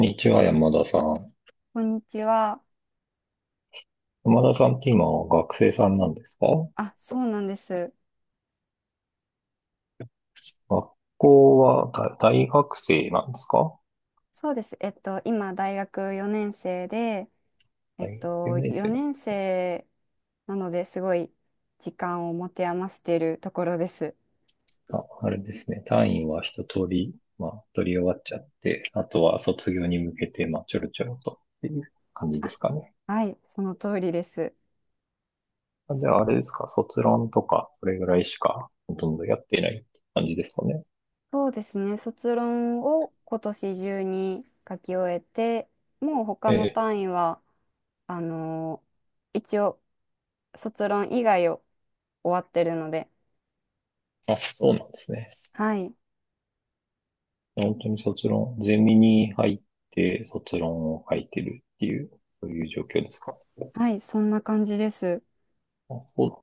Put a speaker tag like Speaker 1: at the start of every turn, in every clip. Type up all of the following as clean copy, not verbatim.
Speaker 1: にちは、山田さん。
Speaker 2: こんにちは。
Speaker 1: 山田さんって今は学生さんなんですか？
Speaker 2: あ、そうなんです。
Speaker 1: 学校は大学生なんですか？
Speaker 2: そうです。今、大学4年生で、
Speaker 1: 大学4年生だ。
Speaker 2: 4年生なのですごい時間を持て余しているところです。
Speaker 1: あ、あれですね。単位は一通り、まあ、取り終わっちゃって、あとは卒業に向けて、まあ、ちょろちょろとっていう感じで
Speaker 2: あ、
Speaker 1: すかね。
Speaker 2: はい、その通りです。
Speaker 1: あ、じゃあ、あれですか、卒論とか、それぐらいしか、ほとんどやってないって感じですかね。
Speaker 2: そうですね。卒論を今年中に書き終えて、もう他
Speaker 1: え
Speaker 2: の
Speaker 1: え。
Speaker 2: 単位は、あの一応、卒論以外を終わってるので、
Speaker 1: あ、そうなんですね。
Speaker 2: はい、
Speaker 1: 本当に卒論、ゼミに入って卒論を書いてるっていう、そういう状況ですか？
Speaker 2: はい、そんな感じです。
Speaker 1: お、ち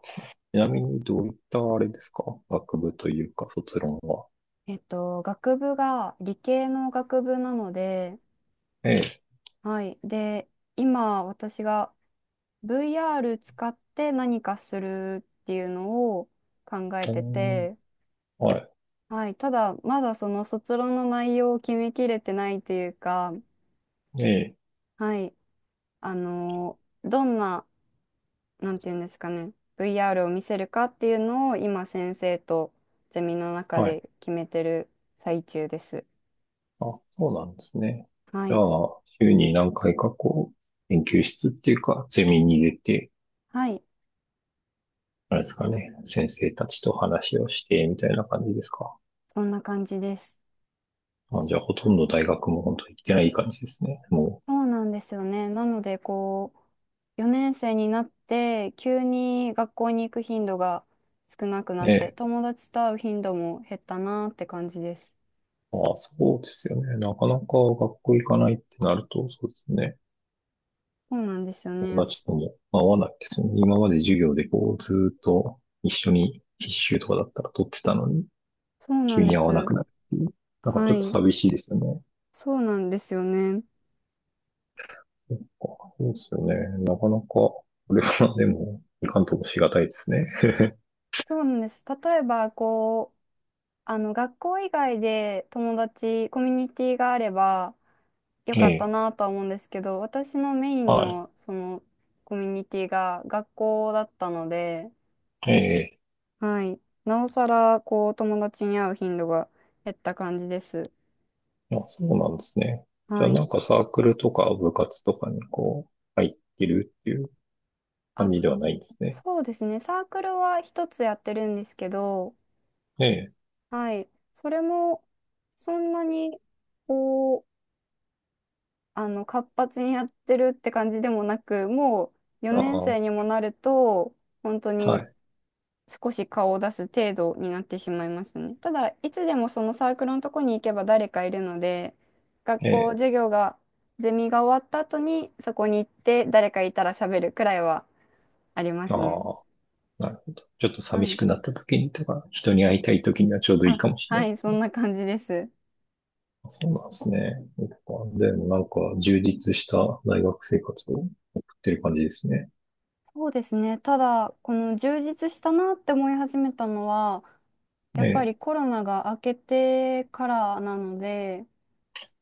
Speaker 1: なみにどういったあれですか？学部というか卒論は。
Speaker 2: 学部が理系の学部なので、
Speaker 1: ええ。
Speaker 2: はい。で、今私が VR 使って何かするっていうのを考え
Speaker 1: うー
Speaker 2: て
Speaker 1: ん。
Speaker 2: て、
Speaker 1: は
Speaker 2: はい。ただ、まだその卒論の内容を決めきれてないというか、
Speaker 1: い。ええ。
Speaker 2: はい。あの、どんな、なんていうんですかね、VR を見せるかっていうのを今先生とゼミの中
Speaker 1: はい。
Speaker 2: で決めてる最中です。
Speaker 1: あ、そうなんですね。
Speaker 2: は
Speaker 1: じゃ
Speaker 2: い。
Speaker 1: あ、週に何回かこう、研究室っていうか、ゼミに出て、
Speaker 2: はい。
Speaker 1: あれですかね、先生たちと話をして、みたいな感じですか？
Speaker 2: そんな感じです。
Speaker 1: あ、じゃあ、ほとんど大学も本当に行ってない感じですね。
Speaker 2: そうなんですよね。なので、4年生になって、急に学校に行く頻度が少なくなっ
Speaker 1: え
Speaker 2: て、
Speaker 1: え。
Speaker 2: 友達と会う頻度も減ったなって感じです。
Speaker 1: ああ、そうですよね。なかなか学校行かないってなると、そうですね。
Speaker 2: そうなんですよ
Speaker 1: 友
Speaker 2: ね。
Speaker 1: 達とも合わないですよね。今まで授業でこう、ずーっと一緒に必修とかだったら取ってたのに、
Speaker 2: そうな
Speaker 1: 急
Speaker 2: んで
Speaker 1: に合わなく
Speaker 2: す。
Speaker 1: なるっていう。なんかち
Speaker 2: は
Speaker 1: ょっと
Speaker 2: い。
Speaker 1: 寂しいですよね。
Speaker 2: そうなんですよね。
Speaker 1: そっか、そうですよね。なかなか、これは でも、いかんともしがたいですね。
Speaker 2: そうなんです。例えば、学校以外で友達、コミュニティがあれば、よ
Speaker 1: え
Speaker 2: かった
Speaker 1: え、
Speaker 2: なとは思うんですけど、私のメイン
Speaker 1: はい。
Speaker 2: の、コミュニティが学校だったので、
Speaker 1: ええ、
Speaker 2: はい。なおさら、友達に会う頻度が減った感じです。
Speaker 1: あ、そうなんですね。じゃ
Speaker 2: は
Speaker 1: あ
Speaker 2: い。
Speaker 1: なんかサークルとか部活とかにこう、入ってるっていう感
Speaker 2: あ、
Speaker 1: じではないんですね。
Speaker 2: そうですね。サークルは一つやってるんですけど、
Speaker 1: ええ。
Speaker 2: はい。それも、そんなに、こう、活発にやってるって感じでもなく、もう、
Speaker 1: あ
Speaker 2: 4年生
Speaker 1: あ、
Speaker 2: にもなると、本当
Speaker 1: は
Speaker 2: に
Speaker 1: い。
Speaker 2: 少し顔を出す程度になってしまいますね。ただ、いつでもそのサークルのとこに行けば誰かいるので、学
Speaker 1: え
Speaker 2: 校、
Speaker 1: え、
Speaker 2: 授業が、ゼミが終わった後にそこに行って誰かいたら喋るくらいはありま
Speaker 1: あ
Speaker 2: すね。
Speaker 1: あ、なるほど。ちょっと
Speaker 2: は
Speaker 1: 寂し
Speaker 2: い。
Speaker 1: くなった時にとか、人に会いたい時にはちょうどいい
Speaker 2: あ、
Speaker 1: かもしれな
Speaker 2: は
Speaker 1: いで
Speaker 2: い、
Speaker 1: す
Speaker 2: そ
Speaker 1: ね。
Speaker 2: んな感じです。
Speaker 1: そうなんですね。そっか、でもなんか充実した大学生活を送ってる感じですね。
Speaker 2: そうですね。ただ、この充実したなって思い始めたのは、や
Speaker 1: え
Speaker 2: っぱ
Speaker 1: え、
Speaker 2: りコロナが明けてからなので、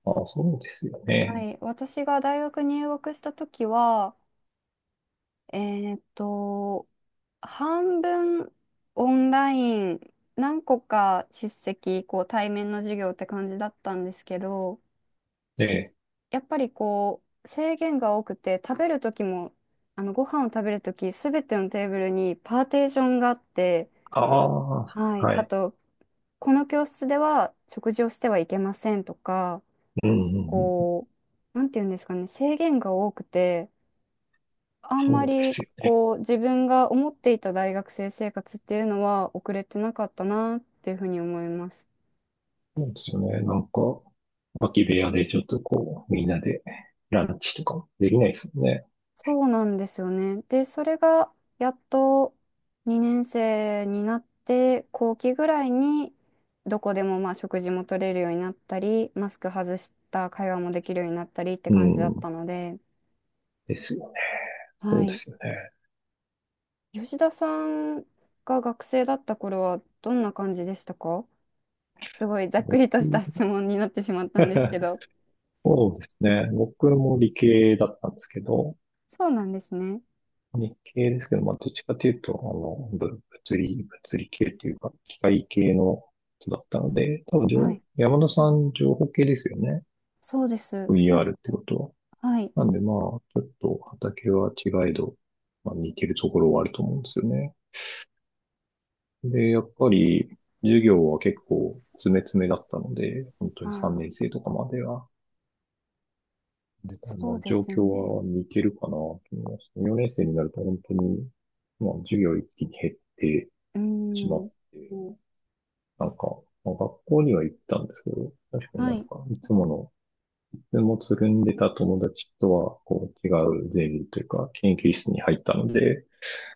Speaker 1: ああ、そうですよ
Speaker 2: は
Speaker 1: ね。
Speaker 2: い、私が大学入学した時は、えーっと、半分オンライン、何個か出席、対面の授業って感じだったんですけど、
Speaker 1: ええ、
Speaker 2: やっぱり制限が多くて、食べる時も、あのご飯を食べる時すべてのテーブルにパーテーションがあって、
Speaker 1: ああ、
Speaker 2: はい、
Speaker 1: は
Speaker 2: あ
Speaker 1: い。
Speaker 2: と、この教室では食事をしてはいけませんとか、
Speaker 1: うん、うん、うん。
Speaker 2: こなんていうんですかね、制限が多くて、あんま
Speaker 1: そうで
Speaker 2: り
Speaker 1: すよね。
Speaker 2: 自分が思っていた大学生生活っていうのは遅れてなかったなっていうふうに思います。
Speaker 1: そうですよね。なんか、空き部屋でちょっとこう、みんなでランチとかできないですよね。
Speaker 2: そうなんですよね。で、それがやっと2年生になって後期ぐらいにどこでもまあ食事も取れるようになったり、マスク外した会話もできるようになったりって
Speaker 1: う
Speaker 2: 感じだっ
Speaker 1: ん。
Speaker 2: たので、
Speaker 1: ですよね。そ
Speaker 2: は
Speaker 1: うで
Speaker 2: い。
Speaker 1: すよね。
Speaker 2: 吉田さんが学生だった頃はどんな感じでしたか？すごいざっく
Speaker 1: 僕
Speaker 2: りとした質問になってしまったんですけど。
Speaker 1: そうですね。僕も理系だったんですけど、
Speaker 2: そうなんですね。
Speaker 1: 理系ですけど、まあ、どっちかというと、あの、ぶ物理、物理系っていうか、機械系のやつだったので、多分
Speaker 2: はい。
Speaker 1: 山田さん情報系ですよね。
Speaker 2: そうです。
Speaker 1: VR ってこと
Speaker 2: はい。
Speaker 1: は。なんでまあ、ちょっと畑は違いど、まあ、似てるところはあると思うんですよね。で、やっぱり、授業は結構詰め詰めだったので、本当
Speaker 2: あ
Speaker 1: に3
Speaker 2: あ、
Speaker 1: 年生とかまでは、で、ま
Speaker 2: そう
Speaker 1: あ、
Speaker 2: で
Speaker 1: 状
Speaker 2: すよ
Speaker 1: 況
Speaker 2: ね。
Speaker 1: は似てるかなと思います。4年生になると本当に、まあ、授業一気に減って
Speaker 2: うー
Speaker 1: しま
Speaker 2: ん。
Speaker 1: って、うん、なんか、まあ、学校には行ったんですけど、確かにな
Speaker 2: は
Speaker 1: ん
Speaker 2: い。
Speaker 1: か、いつもつるんでた友達とは、こう、違うゼミというか、研究室に入ったので、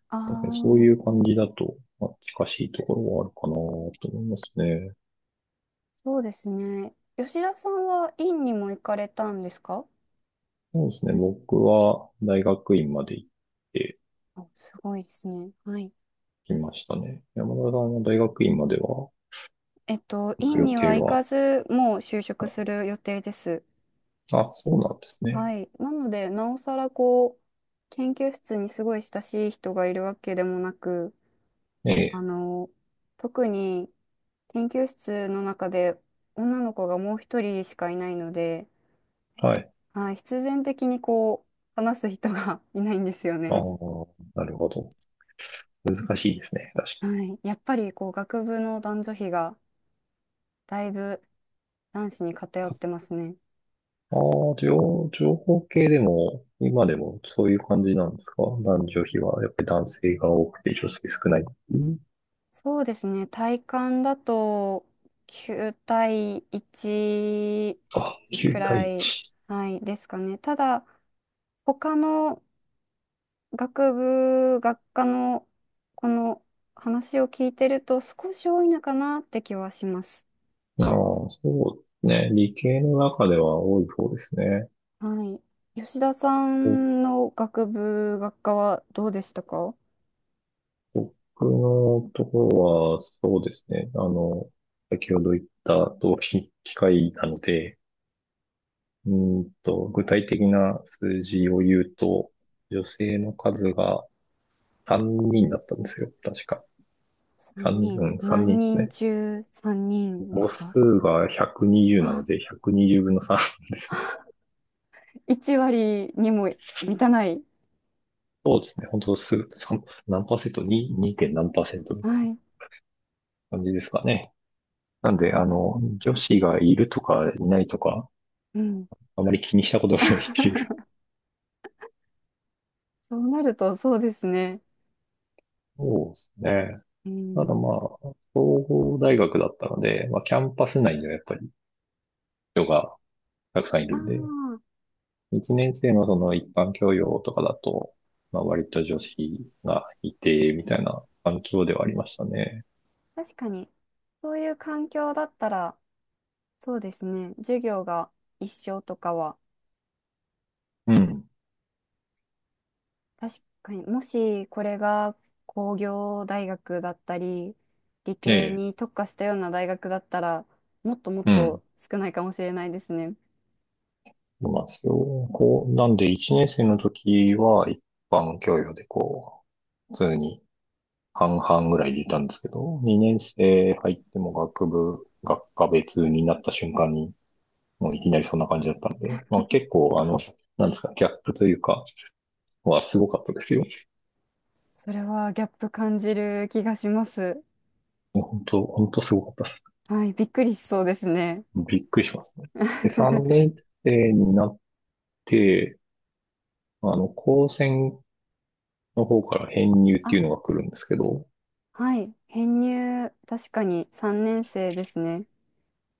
Speaker 2: あ
Speaker 1: なんか、ね、そう
Speaker 2: あ、
Speaker 1: いう感じだと、まあ、近しいところはあるかなと思いますね。
Speaker 2: そうですね。吉田さんは院にも行かれたんですか？
Speaker 1: そうですね。僕は大学院まで行って
Speaker 2: あ、すごいですね。はい。
Speaker 1: きましたね。山田さんは大学院までは行く
Speaker 2: 院
Speaker 1: 予
Speaker 2: に
Speaker 1: 定
Speaker 2: は行か
Speaker 1: は。
Speaker 2: ず、もう就職
Speaker 1: はい。
Speaker 2: する予定です。
Speaker 1: あ、そうなんです
Speaker 2: は
Speaker 1: ね。
Speaker 2: い。なので、なおさら研究室にすごい親しい人がいるわけでもなく、
Speaker 1: え
Speaker 2: あ
Speaker 1: え、
Speaker 2: の、特に研究室の中で女の子がもう一人しかいないので、
Speaker 1: はい。
Speaker 2: はい、必然的に話す人が いないんですよ
Speaker 1: ああ、
Speaker 2: ね。
Speaker 1: なるほど。難しいですね。確
Speaker 2: はい、やっぱり学部の男女比がだいぶ男子に偏
Speaker 1: か
Speaker 2: っ
Speaker 1: に。
Speaker 2: てますね。
Speaker 1: ああ、情報系でも、今でもそういう感じなんですか？男女比は、やっぱり男性が多くて女性少ない。うん、
Speaker 2: そうですね、体感だと9対1
Speaker 1: あ、
Speaker 2: く
Speaker 1: 9対
Speaker 2: らい、
Speaker 1: 1。
Speaker 2: はい、ですかね。ただ、他の学部学科のこの話を聞いてると少し多いのかなって気はします。
Speaker 1: ああ、そうですね。理系の中では多い方ですね。
Speaker 2: はい。吉田さ
Speaker 1: ぼ
Speaker 2: んの学部学科はどうでしたか
Speaker 1: 僕のところは、そうですね。あの、先ほど言った同期機械なので、うー具体的な数字を言うと、女性の数が3人だったんですよ。確か。
Speaker 2: ?3
Speaker 1: 3人、う
Speaker 2: 人。
Speaker 1: ん、人
Speaker 2: 何
Speaker 1: です
Speaker 2: 人
Speaker 1: ね。
Speaker 2: 中3人で
Speaker 1: 母
Speaker 2: すか？
Speaker 1: 数が120なの
Speaker 2: あ、
Speaker 1: で、120分の3ですね。
Speaker 2: 1割にも満たない。
Speaker 1: そうですね。本当す、さん何パーセント？ 2、2. 点何パーセントみたい
Speaker 2: は
Speaker 1: な
Speaker 2: い。
Speaker 1: 感じですかね。なんで、
Speaker 2: す
Speaker 1: あ
Speaker 2: ご
Speaker 1: の、
Speaker 2: い。
Speaker 1: 女子がいるとかいないとか、
Speaker 2: うん。
Speaker 1: あまり気にしたことがないっていう。
Speaker 2: そうなるとそうですね。
Speaker 1: そうですね。
Speaker 2: う
Speaker 1: ただ
Speaker 2: ん。
Speaker 1: まあ、総合大学だったので、まあ、キャンパス内ではやっぱり人がたくさんい
Speaker 2: あ
Speaker 1: るんで、
Speaker 2: あ、
Speaker 1: 1年生のその一般教養とかだと、まあ、割と女子がいて、みたいな環境ではありましたね。
Speaker 2: 確かに。そういう環境だったら、そうですね。授業が一緒とかは、
Speaker 1: うん。
Speaker 2: 確かに、もしこれが工業大学だったり、理
Speaker 1: え
Speaker 2: 系
Speaker 1: え。
Speaker 2: に特化したような大学だったら、もっともっ
Speaker 1: うん。
Speaker 2: と少ないかもしれないですね。
Speaker 1: そうなんですよ。こう、なんで1年生の時は一般教養でこう、普通に半々ぐらいでいたんですけど、2年生入っても学部、学科別になった瞬間に、もういきなりそんな感じだったんで、まあ結構あの、なんですか、ギャップというか、はすごかったですよ。
Speaker 2: それはギャップ感じる気がします。
Speaker 1: 本当すごかったです。
Speaker 2: はい、びっくりしそうですね。
Speaker 1: びっくりしますね。で、3 年生になって、あの、高専の方から編入ってい
Speaker 2: あ、
Speaker 1: うのが来るんですけど、
Speaker 2: はい、編入、確かに3年生ですね。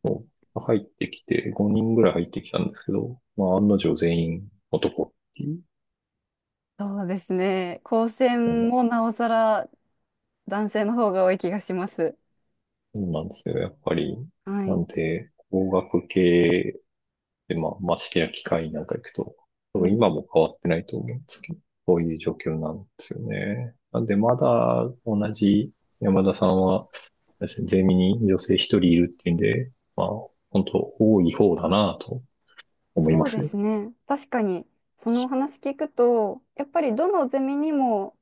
Speaker 1: もう入ってきて、5人ぐらい入ってきたんですけど、まあ、案の定全員男っていう
Speaker 2: そうですね。高専
Speaker 1: の
Speaker 2: もなおさら男性の方が多い気がします。
Speaker 1: なもんなんですよ、やっぱり。
Speaker 2: は
Speaker 1: な
Speaker 2: い。
Speaker 1: んで、工学系で、まあ、ましてや機械なんか行くと、多
Speaker 2: う
Speaker 1: 分
Speaker 2: ん、
Speaker 1: 今も変わってないと思うんですけど、そういう状況なんですよね。なんで、まだ同じ、山田さんは、ですね、ゼミに女性一人いるっていうんで、まあ、本当多い方だなと思い
Speaker 2: そ
Speaker 1: ま
Speaker 2: う
Speaker 1: す
Speaker 2: で
Speaker 1: よ。
Speaker 2: すね。確かに、そのお話聞くと、やっぱりどのゼミにも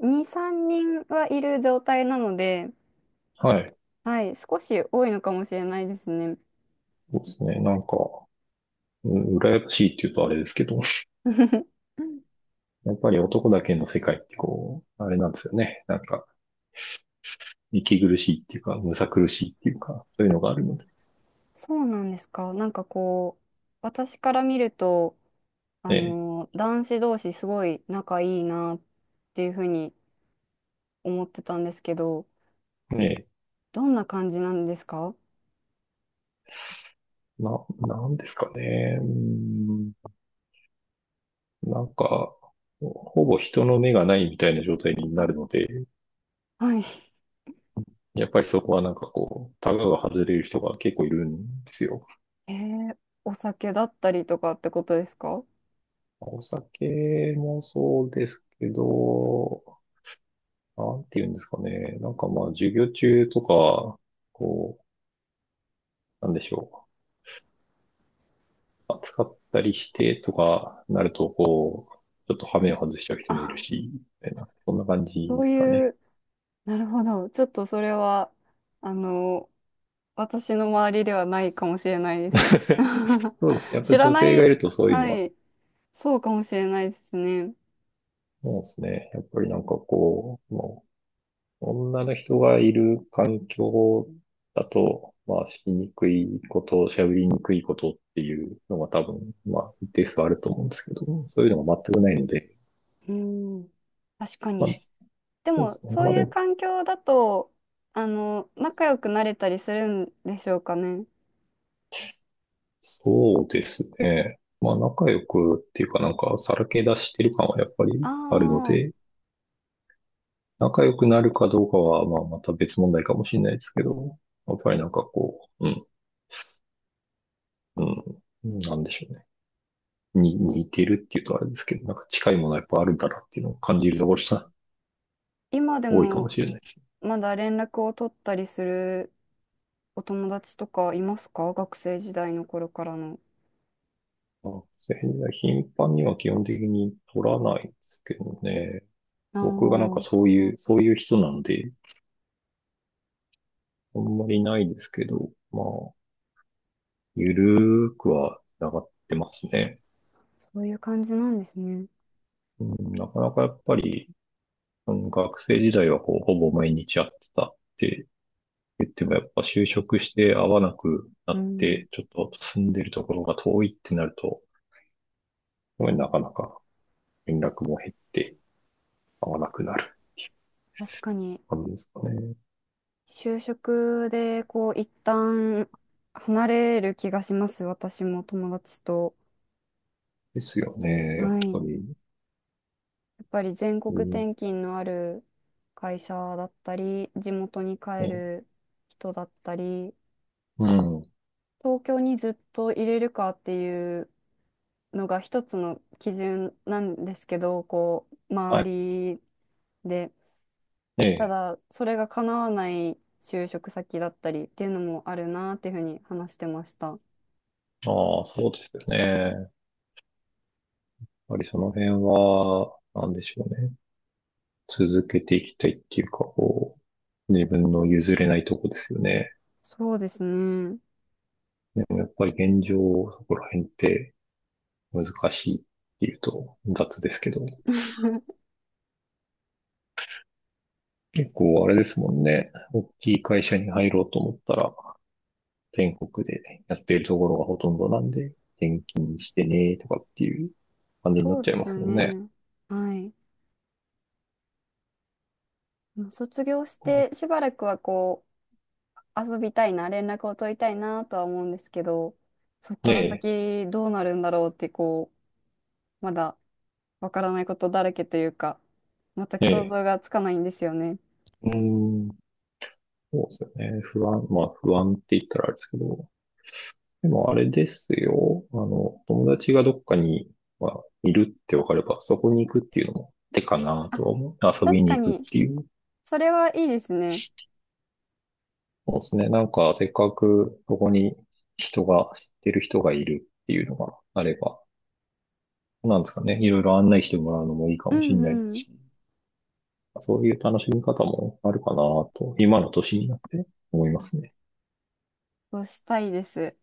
Speaker 2: 2、3人はいる状態なので、
Speaker 1: はい。
Speaker 2: はい、少し多いのかもしれないですね。
Speaker 1: そうですね。なんか、羨ましいって言うとあれですけど、やっぱり男だけの世界ってこう、あれなんですよね。なんか、息苦しいっていうか、むさ苦しいっていうか、そういうのがあるので。
Speaker 2: そうなんですか。なんか、私から見ると、
Speaker 1: ね
Speaker 2: 男子同士すごい仲いいなっていうふうに思ってたんですけど、
Speaker 1: え、ね
Speaker 2: どんな感じなんですか？
Speaker 1: え、なんですかね。うん、なんか、ほぼ人の目がないみたいな状態にな
Speaker 2: あ、
Speaker 1: るので、
Speaker 2: はい。
Speaker 1: やっぱりそこはなんかこう、タガが外れる人が結構いるんですよ。
Speaker 2: えー、お酒だったりとかってことですか？
Speaker 1: お酒もそうですけど、なんて言うんですかね。なんかまあ、授業中とか、こう、なんでしょう。暑かったりしてとかなると、こう、ちょっと羽目を外しちゃう人もい
Speaker 2: あ、
Speaker 1: るし、みたいな、そんな感じ
Speaker 2: そ
Speaker 1: で
Speaker 2: う
Speaker 1: すか
Speaker 2: い
Speaker 1: ね。
Speaker 2: うなるほど。ちょっとそれは、あの、私の周りではないかもしれないです。
Speaker 1: そうです。やっぱ
Speaker 2: 知ら
Speaker 1: 女
Speaker 2: な
Speaker 1: 性がい
Speaker 2: い、
Speaker 1: るとそういうのは、
Speaker 2: はい、そうかもしれないですね。
Speaker 1: そうですね。やっぱりなんかこう、もう女の人がいる環境だと、まあ、しにくいこと、しゃべりにくいことっていうのが多分、まあ、一定数あると思うんですけど、そういうのが全くないので、
Speaker 2: うん、確か
Speaker 1: まあ、
Speaker 2: に。で
Speaker 1: そうです
Speaker 2: も、
Speaker 1: ね。
Speaker 2: そう
Speaker 1: まあ
Speaker 2: い
Speaker 1: で
Speaker 2: う
Speaker 1: も、
Speaker 2: 環境だと、仲良くなれたりするんでしょうかね。
Speaker 1: そうですね。まあ、仲良くっていうかなんか、さらけ出してる感はやっぱ
Speaker 2: あ
Speaker 1: りあるの
Speaker 2: あ、
Speaker 1: で、仲良くなるかどうかは、まあ、また別問題かもしれないですけど、やっぱりなんかこう、うん、うん、なんでしょうね。に似てるっていうとあれですけど、なんか近いものはやっぱあるんだなっていうのを感じるところが
Speaker 2: 今で
Speaker 1: 多いかも
Speaker 2: も
Speaker 1: しれないですね。
Speaker 2: まだ連絡を取ったりするお友達とかいますか？学生時代の頃からの。
Speaker 1: 頻繁には基本的に取らないですけどね。
Speaker 2: あ
Speaker 1: 僕がなんか
Speaker 2: あ、
Speaker 1: そういう人なんで、あんまりないですけど、まあ、ゆるーくは繋がってますね。
Speaker 2: そういう感じなんですね。
Speaker 1: うん、なかなかやっぱり、学生時代はこうほぼ毎日会ってたって言っても、やっぱ就職して会わなくな
Speaker 2: う
Speaker 1: っ
Speaker 2: ん、
Speaker 1: て、ちょっと住んでるところが遠いってなると、なかなか連絡も減って会わなくなる
Speaker 2: 確かに、
Speaker 1: 感じですかね。
Speaker 2: 就職で、一旦離れる気がします。私も友達と。
Speaker 1: ですよね。
Speaker 2: はい。
Speaker 1: 本当
Speaker 2: や
Speaker 1: に。
Speaker 2: っぱり全国
Speaker 1: うん。
Speaker 2: 転勤のある会社だったり、地元に帰
Speaker 1: ね。
Speaker 2: る人だったり、
Speaker 1: うん。
Speaker 2: 東京にずっと入れるかっていうのが一つの基準なんですけど、
Speaker 1: はい。
Speaker 2: 周りで。
Speaker 1: え
Speaker 2: た
Speaker 1: え。
Speaker 2: だ、それが叶わない就職先だったりっていうのもあるなっていうふうに話してました。
Speaker 1: ああ、そうですよね。やっぱりその辺は、なんでしょうね。続けていきたいっていうか、こう、自分の譲れないとこですよね。
Speaker 2: そうですね。
Speaker 1: でもやっぱり現状、そこら辺って難しいっていうと雑ですけど、結構あれですもんね。大きい会社に入ろうと思ったら、全国でやっているところがほとんどなんで、転勤してねとかっていう感じにな
Speaker 2: そ
Speaker 1: っ
Speaker 2: う
Speaker 1: ち
Speaker 2: で
Speaker 1: ゃいま
Speaker 2: すよ
Speaker 1: すもんね。
Speaker 2: ね。はい。もう卒業してしばらくは遊びたいな、連絡を取りたいなとは思うんですけど、そこか
Speaker 1: ね
Speaker 2: ら先どうなるんだろうってまだわからないことだらけというか、全
Speaker 1: え、
Speaker 2: く
Speaker 1: ね
Speaker 2: 想
Speaker 1: え。
Speaker 2: 像がつかないんですよね。
Speaker 1: うーん、そうですよね。不安、まあ不安って言ったらあれですけど、でもあれですよ。あの、友達がどっかに、まあ、いるってわかれば、そこに行くっていうのも手かなとは思う。遊び
Speaker 2: 確
Speaker 1: に
Speaker 2: か
Speaker 1: 行くっ
Speaker 2: に、
Speaker 1: ていう。
Speaker 2: それはいいですね。
Speaker 1: そうですね。なんか、せっかくそこに知ってる人がいるっていうのがあれば、なんですかね。いろいろ案内してもらうのもいいか
Speaker 2: う
Speaker 1: もしれ
Speaker 2: ん
Speaker 1: ないです
Speaker 2: うん。
Speaker 1: し、そういう楽しみ方もあるかなと、今の年になって思いますね。
Speaker 2: そうしたいです。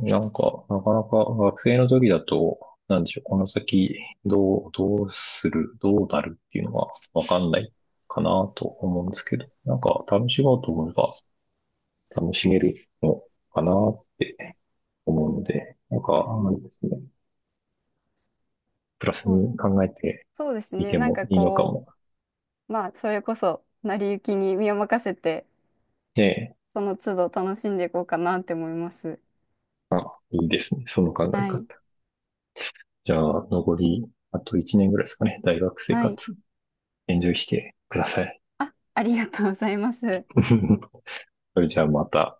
Speaker 1: なんか、なかなか学生の時だと、なんでしょう、この先、どうする、どうなるっていうのがわかんないかなと思うんですけど、なんか楽しもうと思えば楽しめるのかなって思うので、なんか、あれですね、プラス
Speaker 2: そ
Speaker 1: に
Speaker 2: う、
Speaker 1: 考えて
Speaker 2: そうです
Speaker 1: み
Speaker 2: ね。
Speaker 1: て
Speaker 2: なん
Speaker 1: も
Speaker 2: か
Speaker 1: いいのか
Speaker 2: こ
Speaker 1: も。
Speaker 2: う、まあ、それこそ、成り行きに身を任せて、
Speaker 1: ね
Speaker 2: その都度楽しんでいこうかなって思います。
Speaker 1: え、いいですね、その考え
Speaker 2: は
Speaker 1: 方。
Speaker 2: い。
Speaker 1: じゃあ、残り、あと1年ぐらいですかね。大学生
Speaker 2: はい。
Speaker 1: 活、エンジョイしてください。
Speaker 2: あ、ありがとうございます。
Speaker 1: それじゃあまた。